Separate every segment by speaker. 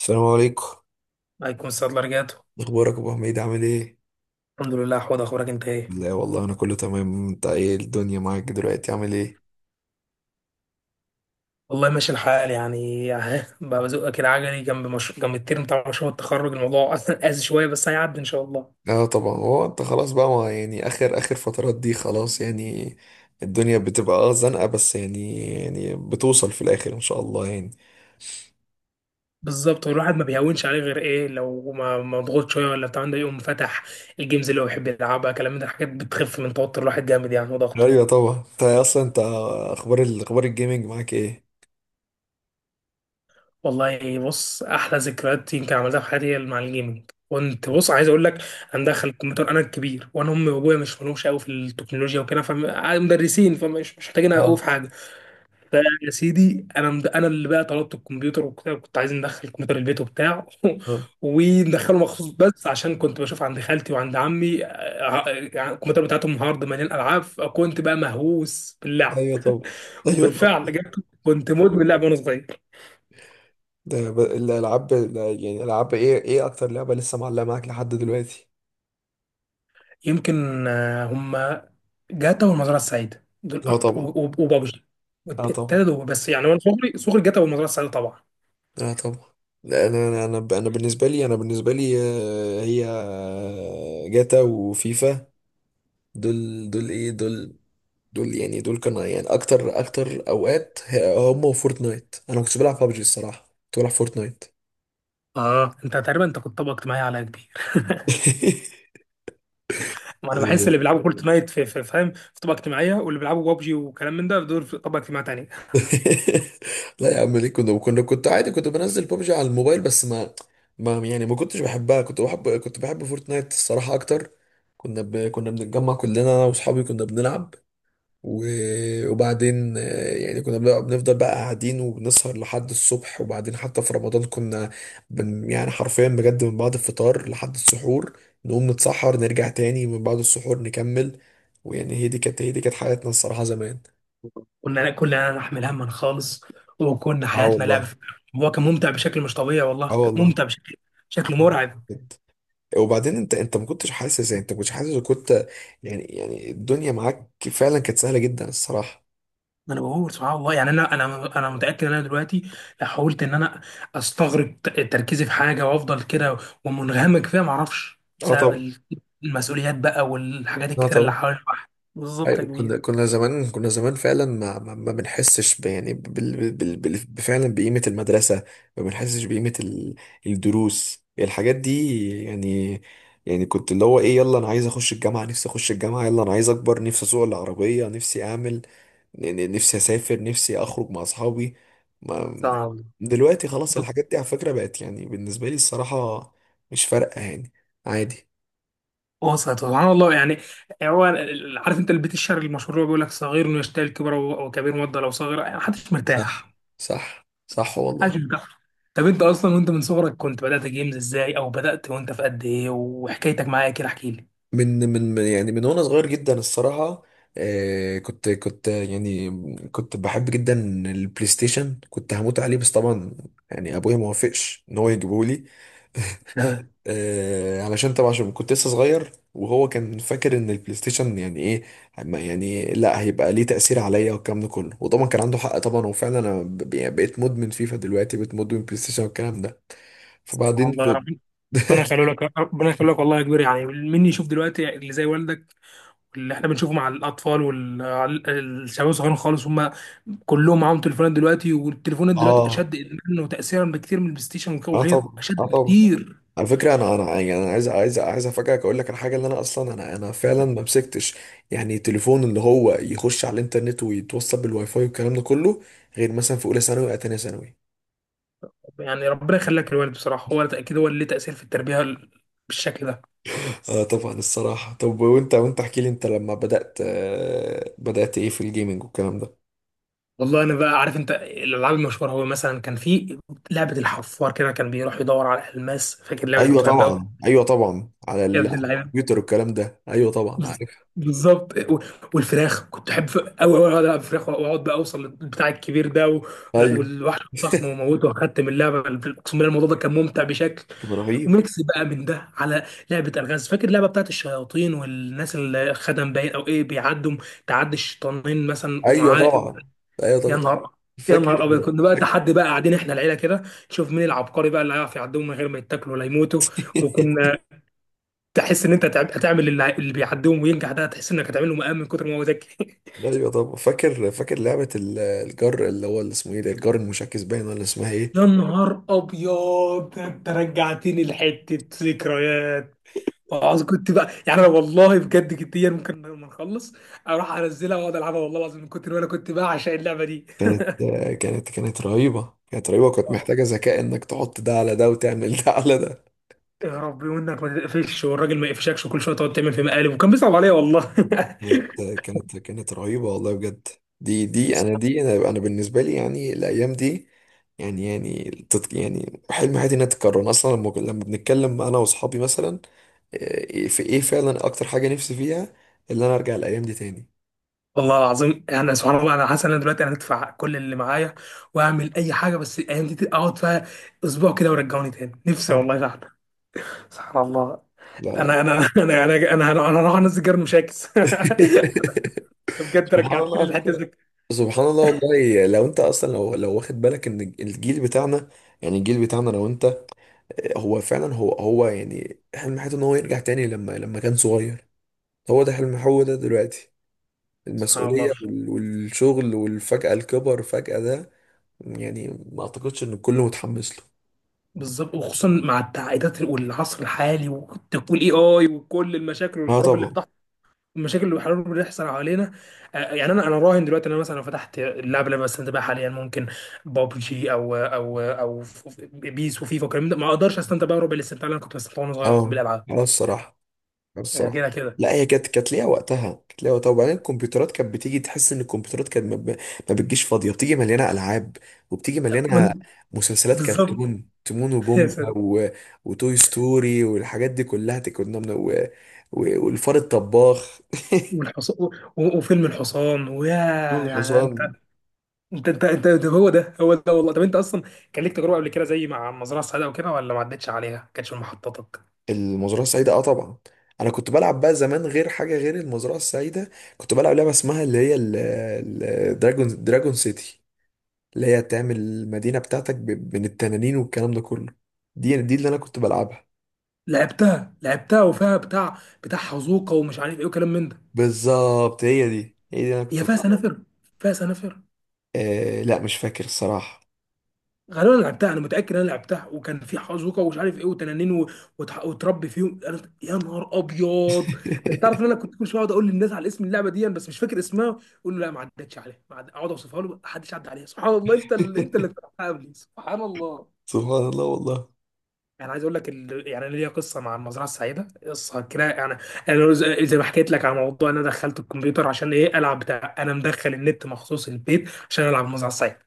Speaker 1: السلام عليكم.
Speaker 2: الله يكون صدر رجعته.
Speaker 1: اخبارك يا ابو حميد، عامل ايه؟
Speaker 2: الحمد لله، حوض اخبارك انت ايه؟
Speaker 1: لا والله انا كله تمام. انت ايه الدنيا معاك دلوقتي، عامل ايه؟
Speaker 2: والله ماشي الحال يعني. اهي بقى بزقك العجلي جنب مش... جنب الترم بتاع مشروع التخرج، الموضوع اصلا قاسي شويه بس هيعدي ان شاء الله.
Speaker 1: اه طبعا، هو انت خلاص بقى ما يعني اخر اخر فترات دي، خلاص يعني الدنيا بتبقى اه زنقه، بس يعني بتوصل في الاخر ان شاء الله يعني.
Speaker 2: بالظبط، والواحد ما بيهونش عليه غير ايه لو ما مضغوط شويه ولا بتاع ده، يقوم فتح الجيمز اللي هو بيحب يلعبها كلام من ده. الحاجات بتخف من توتر الواحد جامد يعني، وضغطه.
Speaker 1: ايوه طبعا. انت اصلا انت اخبار الجيمنج معاك ايه؟
Speaker 2: والله بص، احلى ذكريات يمكن عملتها في حياتي هي مع الجيمنج. كنت بص عايز اقول لك، انا مدخل الكمبيوتر، انا الكبير وانا امي وابويا مش ملوش قوي في التكنولوجيا وكده، فمدرسين، فمش مش محتاجين قوي في
Speaker 1: اه.
Speaker 2: حاجه. فيا سيدي انا اللي بقى طلبت الكمبيوتر وكده، كنت عايز ندخل الكمبيوتر البيت وبتاع
Speaker 1: اه.
Speaker 2: وندخله مخصوص، بس عشان كنت بشوف عند خالتي وعند عمي. يعني الكمبيوتر بتاعتهم هارد مليان العاب، فكنت بقى مهووس باللعب.
Speaker 1: ايوه طبعا. ايوه طبعا.
Speaker 2: وبالفعل جبت، كنت مدمن لعب وانا صغير.
Speaker 1: الالعاب يعني، العاب ايه؟ ايه اكتر لعبه لسه معلقه معاك لحد دلوقتي؟
Speaker 2: يمكن آه، هم جاتا والمزرعه السعيده دول
Speaker 1: اه
Speaker 2: اكتر،
Speaker 1: طبعا.
Speaker 2: وبابجي.
Speaker 1: اه طبعا.
Speaker 2: التلاته دول بس يعني، وانا صغري صغري جاتا والمزرعه السعيده طبعا.
Speaker 1: اه طبعا. لا أنا بالنسبه لي، هي جاتا وفيفا. دول دول ايه دول؟ دول يعني دول كانوا يعني اكتر اوقات هم وفورتنايت. انا ما كنتش بلعب ببجي الصراحه، كنت بلعب فورتنايت.
Speaker 2: اه، انت تقريبا انت كنت طبقه اجتماعيه على كبير. ما انا بحس اللي بيلعبوا فورتنايت فاهم، في طبقه اجتماعيه، واللي بيلعبوا بابجي وكلام من ده دول في طبقه اجتماعيه تانيه.
Speaker 1: لا يا عم ليه؟ كنا كنت عادي، كنت بنزل ببجي على الموبايل، بس ما يعني ما كنتش بحبها، كنت بحب فورتنايت الصراحه اكتر. كنا بنتجمع كلنا انا واصحابي كنا بنلعب. وبعدين آه، يعني بنفضل بقى قاعدين وبنسهر لحد الصبح. وبعدين حتى في رمضان كنا يعني حرفيا بجد من بعد الفطار لحد السحور، نقوم نتسحر نرجع تاني من بعد السحور نكمل. ويعني هي دي كانت حياتنا الصراحة زمان.
Speaker 2: كنا نحمل هما خالص، وكنا
Speaker 1: اه
Speaker 2: حياتنا لعب.
Speaker 1: والله.
Speaker 2: هو كان ممتع بشكل مش طبيعي،
Speaker 1: اه
Speaker 2: والله كان
Speaker 1: والله.
Speaker 2: ممتع بشكل
Speaker 1: آه.
Speaker 2: مرعب.
Speaker 1: بجد. وبعدين انت ما كنتش حاسس يعني؟ انت ما كنتش حاسس وكنت يعني الدنيا معاك فعلا كانت سهلة جدا الصراحة.
Speaker 2: ما انا بقول سبحان الله يعني، انا متاكد ان انا دلوقتي لو حاولت ان انا استغرق تركيزي في حاجه وافضل كده ومنغمك فيها، ما اعرفش،
Speaker 1: اه
Speaker 2: بسبب
Speaker 1: طبعا.
Speaker 2: المسؤوليات بقى والحاجات
Speaker 1: اه
Speaker 2: الكتيره اللي
Speaker 1: طبعا.
Speaker 2: حوالين الواحد. بالظبط يا
Speaker 1: أيوة،
Speaker 2: كبير.
Speaker 1: كنا زمان فعلا ما بنحسش يعني بال بال بال فعلا بقيمة المدرسة، ما بنحسش بقيمة الدروس، الحاجات دي يعني. يعني كنت اللي هو ايه، يلا انا عايز اخش الجامعة، نفسي اخش الجامعة، يلا انا عايز اكبر، نفسي اسوق العربية، نفسي اعمل، نفسي اسافر، نفسي اخرج مع اصحابي. ما
Speaker 2: سبحان الله.
Speaker 1: دلوقتي خلاص الحاجات دي على فكرة بقت يعني بالنسبة لي الصراحة مش فارقة يعني، عادي.
Speaker 2: وسط سبحان الله يعني، هو عارف انت البيت الشعري المشهور اللي هو بيقول لك صغير يشتهي الكبر، و- وكبير مضى لو صغير؟ يعني محدش
Speaker 1: صح.
Speaker 2: مرتاح،
Speaker 1: صح والله.
Speaker 2: محدش مرتاح. طب انت اصلا وانت من صغرك كنت بدات جيمز ازاي؟ او بدات وانت في قد ايه؟ وحكايتك معايا كده احكي لي.
Speaker 1: يعني من وانا صغير جدا الصراحه آه كنت كنت بحب جدا البلاي ستيشن، كنت هموت عليه. بس طبعا يعني ابويا ما وافقش ان هو يجيبه لي.
Speaker 2: لا
Speaker 1: آه، علشان طبعا عشان كنت لسه صغير، وهو كان فاكر ان البلاي ستيشن يعني ايه، يعني لا هيبقى ليه تاثير عليا والكلام ده كله. وطبعا كان عنده حق طبعا، وفعلا يعني بقيت مدمن فيفا، دلوقتي بقيت مدمن بلاي ستيشن والكلام ده. فبعدين
Speaker 2: والله.
Speaker 1: في...
Speaker 2: ربنا يخليه لك، ربنا يخليه لك، والله يا كبير. يعني مني يشوف دلوقتي اللي زي والدك؟ اللي احنا بنشوفه مع الاطفال والشباب الصغيرين خالص، هم كلهم معاهم تليفونات دلوقتي، والتليفونات دلوقتي
Speaker 1: اه.
Speaker 2: اشد ادمانا وتاثيرا بكتير من البلاي ستيشن
Speaker 1: اه
Speaker 2: وغيره،
Speaker 1: طبعا.
Speaker 2: اشد
Speaker 1: اه طبعا.
Speaker 2: بكتير.
Speaker 1: على فكرة أنا يعني أنا عايز أفاجئك، أقول لك على حاجة، اللي أنا أصلا أنا فعلا ما مسكتش يعني تليفون اللي هو يخش على الإنترنت ويتوصل بالواي فاي والكلام ده كله، غير مثلا في أولى ثانوي أو تانية ثانوي.
Speaker 2: يعني ربنا يخليك للوالد بصراحه، هو اكيد هو اللي ليه تاثير في التربيه بالشكل ده.
Speaker 1: آه طبعا الصراحة. طب وأنت احكي لي، أنت لما بدأت آه بدأت إيه في الجيمنج والكلام ده؟
Speaker 2: والله انا بقى عارف انت الالعاب المشهوره. هو مثلا كان في لعبه الحفار، كده كان بيروح يدور على الماس، فاكر اللعبه دي؟
Speaker 1: أيوه
Speaker 2: كنت بحبها أوي.
Speaker 1: طبعا. أيوه طبعا، على
Speaker 2: يا ابن
Speaker 1: على
Speaker 2: اللعيبه.
Speaker 1: الكمبيوتر والكلام ده، أيوه طبعا
Speaker 2: بز-
Speaker 1: عارف.
Speaker 2: بالظبط. و- والفراخ كنت احب قوي قوي، اقعد العب فراخ واقعد بقى اوصل للبتاع الكبير ده و... لا،
Speaker 1: أيوه.
Speaker 2: والوحش الضخم وموته. واخدت من اللعبه، اقسم بالله الموضوع ده كان ممتع بشكل.
Speaker 1: كان رهيب.
Speaker 2: وميكس بقى من ده على لعبه الغاز، فاكر اللعبه بتاعت الشياطين والناس اللي خدم باين او ايه بيعدوا، تعدي الشيطانين مثلا
Speaker 1: أيوه
Speaker 2: ومعاه.
Speaker 1: طبعا. أيوه
Speaker 2: يا
Speaker 1: طبعا.
Speaker 2: نهار يا نهار
Speaker 1: فاكر.
Speaker 2: ابيض، كنا بقى تحدي بقى قاعدين احنا العيله كده، نشوف مين العبقري بقى اللي هيعرف يعدهم من غير ما يتاكلوا ولا يموتوا. وكنا تحس ان انت هتعمل، اللي بيعديهم وينجح ده، تحس انك هتعمله مقام من كتر ما هو ذكي.
Speaker 1: ايوه. طب فاكر لعبة الجر، اللي هو اللي اسمه ايه ده، الجر المشاكس باين ولا اسمها
Speaker 2: يا
Speaker 1: ايه؟
Speaker 2: نهار ابيض، ده انت رجعتني لحته ذكريات. وعاوز كنت بقى يعني، انا والله بجد جديا ممكن لما نخلص اروح انزلها واقعد العبها، والله العظيم من كتر ما انا كنت بعشق اللعبه دي.
Speaker 1: كانت كانت رهيبة، كانت رهيبة، وكانت
Speaker 2: آه،
Speaker 1: محتاجة ذكاء انك تحط ده على ده وتعمل ده على ده.
Speaker 2: يا ربي، وانك ما تقفش والراجل ما يقفشكش، وكل شويه تقعد تعمل في مقالب، وكان بيصعب عليا والله.
Speaker 1: كانت رهيبة والله بجد. دي دي انا دي انا انا بالنسبة لي يعني الايام دي يعني يعني حلم حياتي انها تتكرر. أنا اصلا لما بنتكلم انا واصحابي مثلا، إيه- في ايه فعلا اكتر حاجة نفسي فيها اللي انا ارجع الايام دي تاني.
Speaker 2: والله العظيم يعني سبحان الله، انا حاسس ان انا دلوقتي انا هدفع كل اللي معايا واعمل اي حاجه، بس الايام دي اقعد فيها اسبوع كده ورجعوني تاني، نفسي
Speaker 1: صح.
Speaker 2: والله فعلا. سبحان الله.
Speaker 1: لا لا.
Speaker 2: انا انا انا انا انا راح انزل جرن مشاكس. بجد
Speaker 1: سبحان الله.
Speaker 2: رجعتني
Speaker 1: على
Speaker 2: للحته
Speaker 1: فكرة
Speaker 2: دي.
Speaker 1: سبحان الله والله لو انت اصلا لو واخد بالك ان الجيل بتاعنا، يعني الجيل بتاعنا لو انت، هو فعلا هو هو يعني حلم حياته ان هو يرجع تاني لما كان صغير. هو ده حلم، هو ده دلوقتي
Speaker 2: سبحان الله.
Speaker 1: المسؤولية والشغل والفجأة الكبر فجأة ده يعني ما اعتقدش ان الكل متحمس له.
Speaker 2: بالظبط، وخصوصا مع التعقيدات والعصر الحالي، وتقول اي وكل المشاكل
Speaker 1: اه
Speaker 2: والحروب اللي
Speaker 1: طبعا.
Speaker 2: بتحصل، المشاكل اللي بيحاولوا بيحصل حوالينا. يعني انا راهن دلوقتي ان انا مثلا لو فتحت اللعبه اللي انا بستمتع بيها حاليا، ممكن بابجي او بيس وفيفا والكلام ده، ما اقدرش استمتع بقى ربع الاستمتاع اللي انا كنت بستمتع وانا صغير
Speaker 1: اه.
Speaker 2: بالالعاب.
Speaker 1: اه الصراحة. الصراحه
Speaker 2: كده كده
Speaker 1: لا، هي كانت كانت ليها وقتها. وبعدين الكمبيوترات كانت بتيجي، تحس ان الكمبيوترات كانت ما بتجيش فاضيه، بتيجي مليانه العاب وبتيجي مليانه
Speaker 2: من
Speaker 1: مسلسلات
Speaker 2: بالظبط.
Speaker 1: كرتون، تيمون
Speaker 2: يا
Speaker 1: وبومبا
Speaker 2: ساتر.
Speaker 1: و... وتوي ستوري والحاجات دي كلها، كنا من... و... و... والفار الطباخ.
Speaker 2: والحصان، و- و- وفيلم الحصان ويا.
Speaker 1: دول
Speaker 2: يعني انت
Speaker 1: الحصان.
Speaker 2: انت انت, انت ده هو ده هو ده والله. طب انت اصلا كان ليك تجربه قبل كده زي مع مزرعه السعاده وكده، ولا ما عدتش عليها؟ ما كانتش من محطاتك؟
Speaker 1: المزرعه السعيده اه طبعا، انا كنت بلعب بقى زمان غير حاجه غير المزرعه السعيده. كنت بلعب لعبه اسمها اللي هي ال... ال... دراجون سيتي، اللي هي تعمل المدينة بتاعتك من التنانين والكلام ده كله. دي اللي أنا كنت بلعبها.
Speaker 2: لعبتها، لعبتها، وفيها بتاع حزوقه ومش عارف ايه، وكلام من ده.
Speaker 1: بالظبط، هي دي اللي أنا كنت
Speaker 2: هي فيها
Speaker 1: بلعبها.
Speaker 2: سنافر، فيها سنافر.
Speaker 1: آه لا مش فاكر الصراحة.
Speaker 2: غالبا انا لعبتها، انا متاكد انا لعبتها، وكان في حزوكه ومش عارف ايه، وتنانين وتربي فيهم أنا... يا نهار ابيض. انت تعرف ان انا كنت كل شويه اقعد اقول للناس على اسم اللعبه دي بس مش فاكر اسمها، يقول لي لا ما عدتش عليها، ما عد- اقعد اوصفها له، ما حدش عدى عليها. سبحان الله، انت اللي اخترعتها قبلي. سبحان الله.
Speaker 1: سبحان الله والله.
Speaker 2: يعني عايز اقول لك يعني أنا ليا قصه مع المزرعه السعيده، قصه كده يعني. انا زي ما حكيت لك على موضوع ان انا دخلت الكمبيوتر عشان ايه؟ العب بتاع. انا مدخل النت مخصوص البيت عشان العب المزرعه السعيده،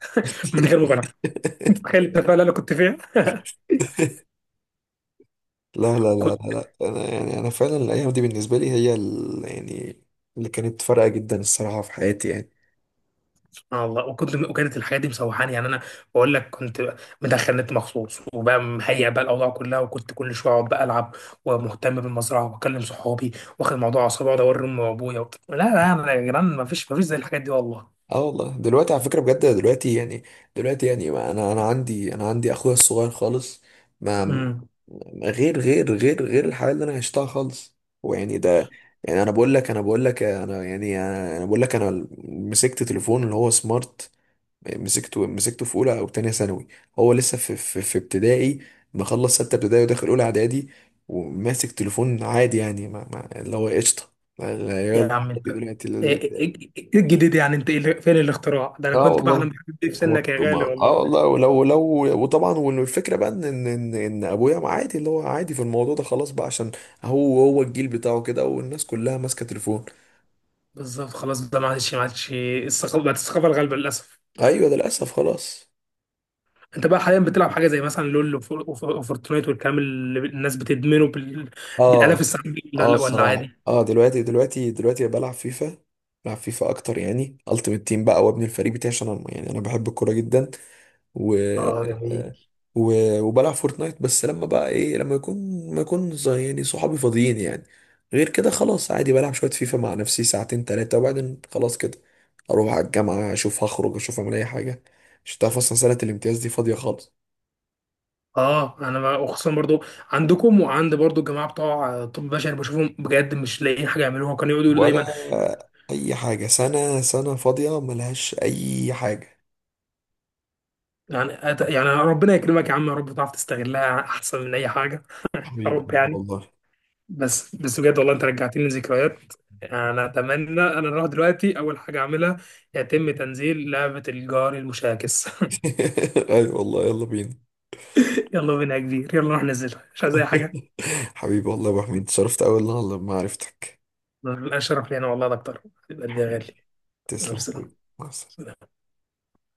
Speaker 2: من غير مبالغه، متخيل التفاهه اللي انا كنت فيها.
Speaker 1: لا
Speaker 2: كنت،
Speaker 1: أنا يعني أنا فعلا الأيام دي بالنسبة لي هي يعني اللي كانت فارقة جدا الصراحة في حياتي يعني.
Speaker 2: والله، وكنت، وكانت الحاجات دي مسوحاني يعني انا، بقول لك كنت مدخل نت مخصوص وبقى مهيئ بقى الاوضاع كلها، وكنت كل شويه اقعد بقى العب ومهتم بالمزرعه واكلم صحابي، واخد الموضوع على صعوبه، واقعد اوري امي وابويا لا لا، أنا يا جدعان، ما فيش ما فيش زي الحاجات دي والله.
Speaker 1: اه والله دلوقتي على فكرة بجد، دلوقتي يعني ما انا عندي اخويا الصغير خالص، ما ما-
Speaker 2: امم
Speaker 1: غير غير الحياة اللي انا عشتها خالص. ويعني ده يعني انا بقول لك انا بقول لك انا يعني انا أنا بقول لك انا مسكت تليفون اللي هو سمارت، مسكته في اولى او تانية ثانوي. هو لسه في في ابتدائي، مخلص 6 ابتدائي وداخل اولى اعدادي، وماسك تليفون عادي يعني، ما ما اللي هو قشطة،
Speaker 2: يا
Speaker 1: يلا
Speaker 2: عم انت،
Speaker 1: عادي دلوقتي.
Speaker 2: ايه إيه- إيه إيه، إيه الجديد يعني؟ انت إيه فين الاختراع ده؟ انا
Speaker 1: اه
Speaker 2: كنت بحلم
Speaker 1: والله.
Speaker 2: بالحاجات دي في
Speaker 1: هو-
Speaker 2: سنك يا غالي
Speaker 1: اه
Speaker 2: والله.
Speaker 1: والله. ولو لو وطبعا والفكره بقى ان ان ان إن ابويا عادي اللي هو عادي في الموضوع ده، خلاص بقى عشان هو الجيل بتاعه كده والناس كلها ماسكه تليفون.
Speaker 2: بالظبط، خلاص ده ما عادش الثقافه، بقت الثقافه الغالبه للاسف.
Speaker 1: ايوه ده للاسف خلاص.
Speaker 2: انت بقى حاليا بتلعب حاجه زي مثلا لول وفورتنايت، والكلام اللي الناس بتدمنه بالالاف
Speaker 1: اه.
Speaker 2: السنين دي، ولا
Speaker 1: اه
Speaker 2: لا، ولا
Speaker 1: الصراحه.
Speaker 2: عادي؟
Speaker 1: اه دلوقتي بلعب فيفا. بلعب فيفا اكتر يعني، التيمت تيم بقى وابني الفريق بتاعي عشان انا يعني انا بحب الكوره جدا. و...
Speaker 2: اه جميل.
Speaker 1: و... وبلعب فورتنايت بس لما بقى ايه لما يكون ما يكون ز- يعني صحابي فاضيين يعني. غير كده خلاص عادي بلعب شوية فيفا مع نفسي 2 3 ساعات وبعدين خلاص كده. اروح على الجامعة اشوف، هخرج اشوف اعمل اي حاجة، مش هتعرف اصلا. سنة الامتياز دي فاضية خالص،
Speaker 2: اه، وخصوصا برضو عندكم، وعند برضو الجماعه بتوع طب بشري، بشوفهم بجد مش لاقيين حاجه يعملوها، وكانوا يقعدوا يقولوا
Speaker 1: ولا
Speaker 2: دايما.
Speaker 1: اي حاجة. سنة فاضية ملهاش اي حاجة.
Speaker 2: يعني يعني ربنا يكرمك يا عم، يا رب تعرف تستغلها احسن من اي حاجه. يا
Speaker 1: حبيبي
Speaker 2: رب
Speaker 1: قلبي
Speaker 2: يعني.
Speaker 1: والله.
Speaker 2: بس بجد والله، انت رجعتني لذكريات. انا اتمنى انا اروح دلوقتي اول حاجه اعملها يتم تنزيل لعبه الجار المشاكس.
Speaker 1: ايوه والله يلا بينا.
Speaker 2: يلا بينا يا كبير، يلا نروح ننزلها، مش عايز اي حاجه.
Speaker 1: حبيبي، والله يا ابو حميد اتشرفت اوي والله لما عرفتك.
Speaker 2: لا، شرف لينا والله، ده اكتر، يبقى قلبي يا غالي.
Speaker 1: حبيبي،
Speaker 2: يلا
Speaker 1: تسلم
Speaker 2: سلام.
Speaker 1: أخوي. مع السلامة.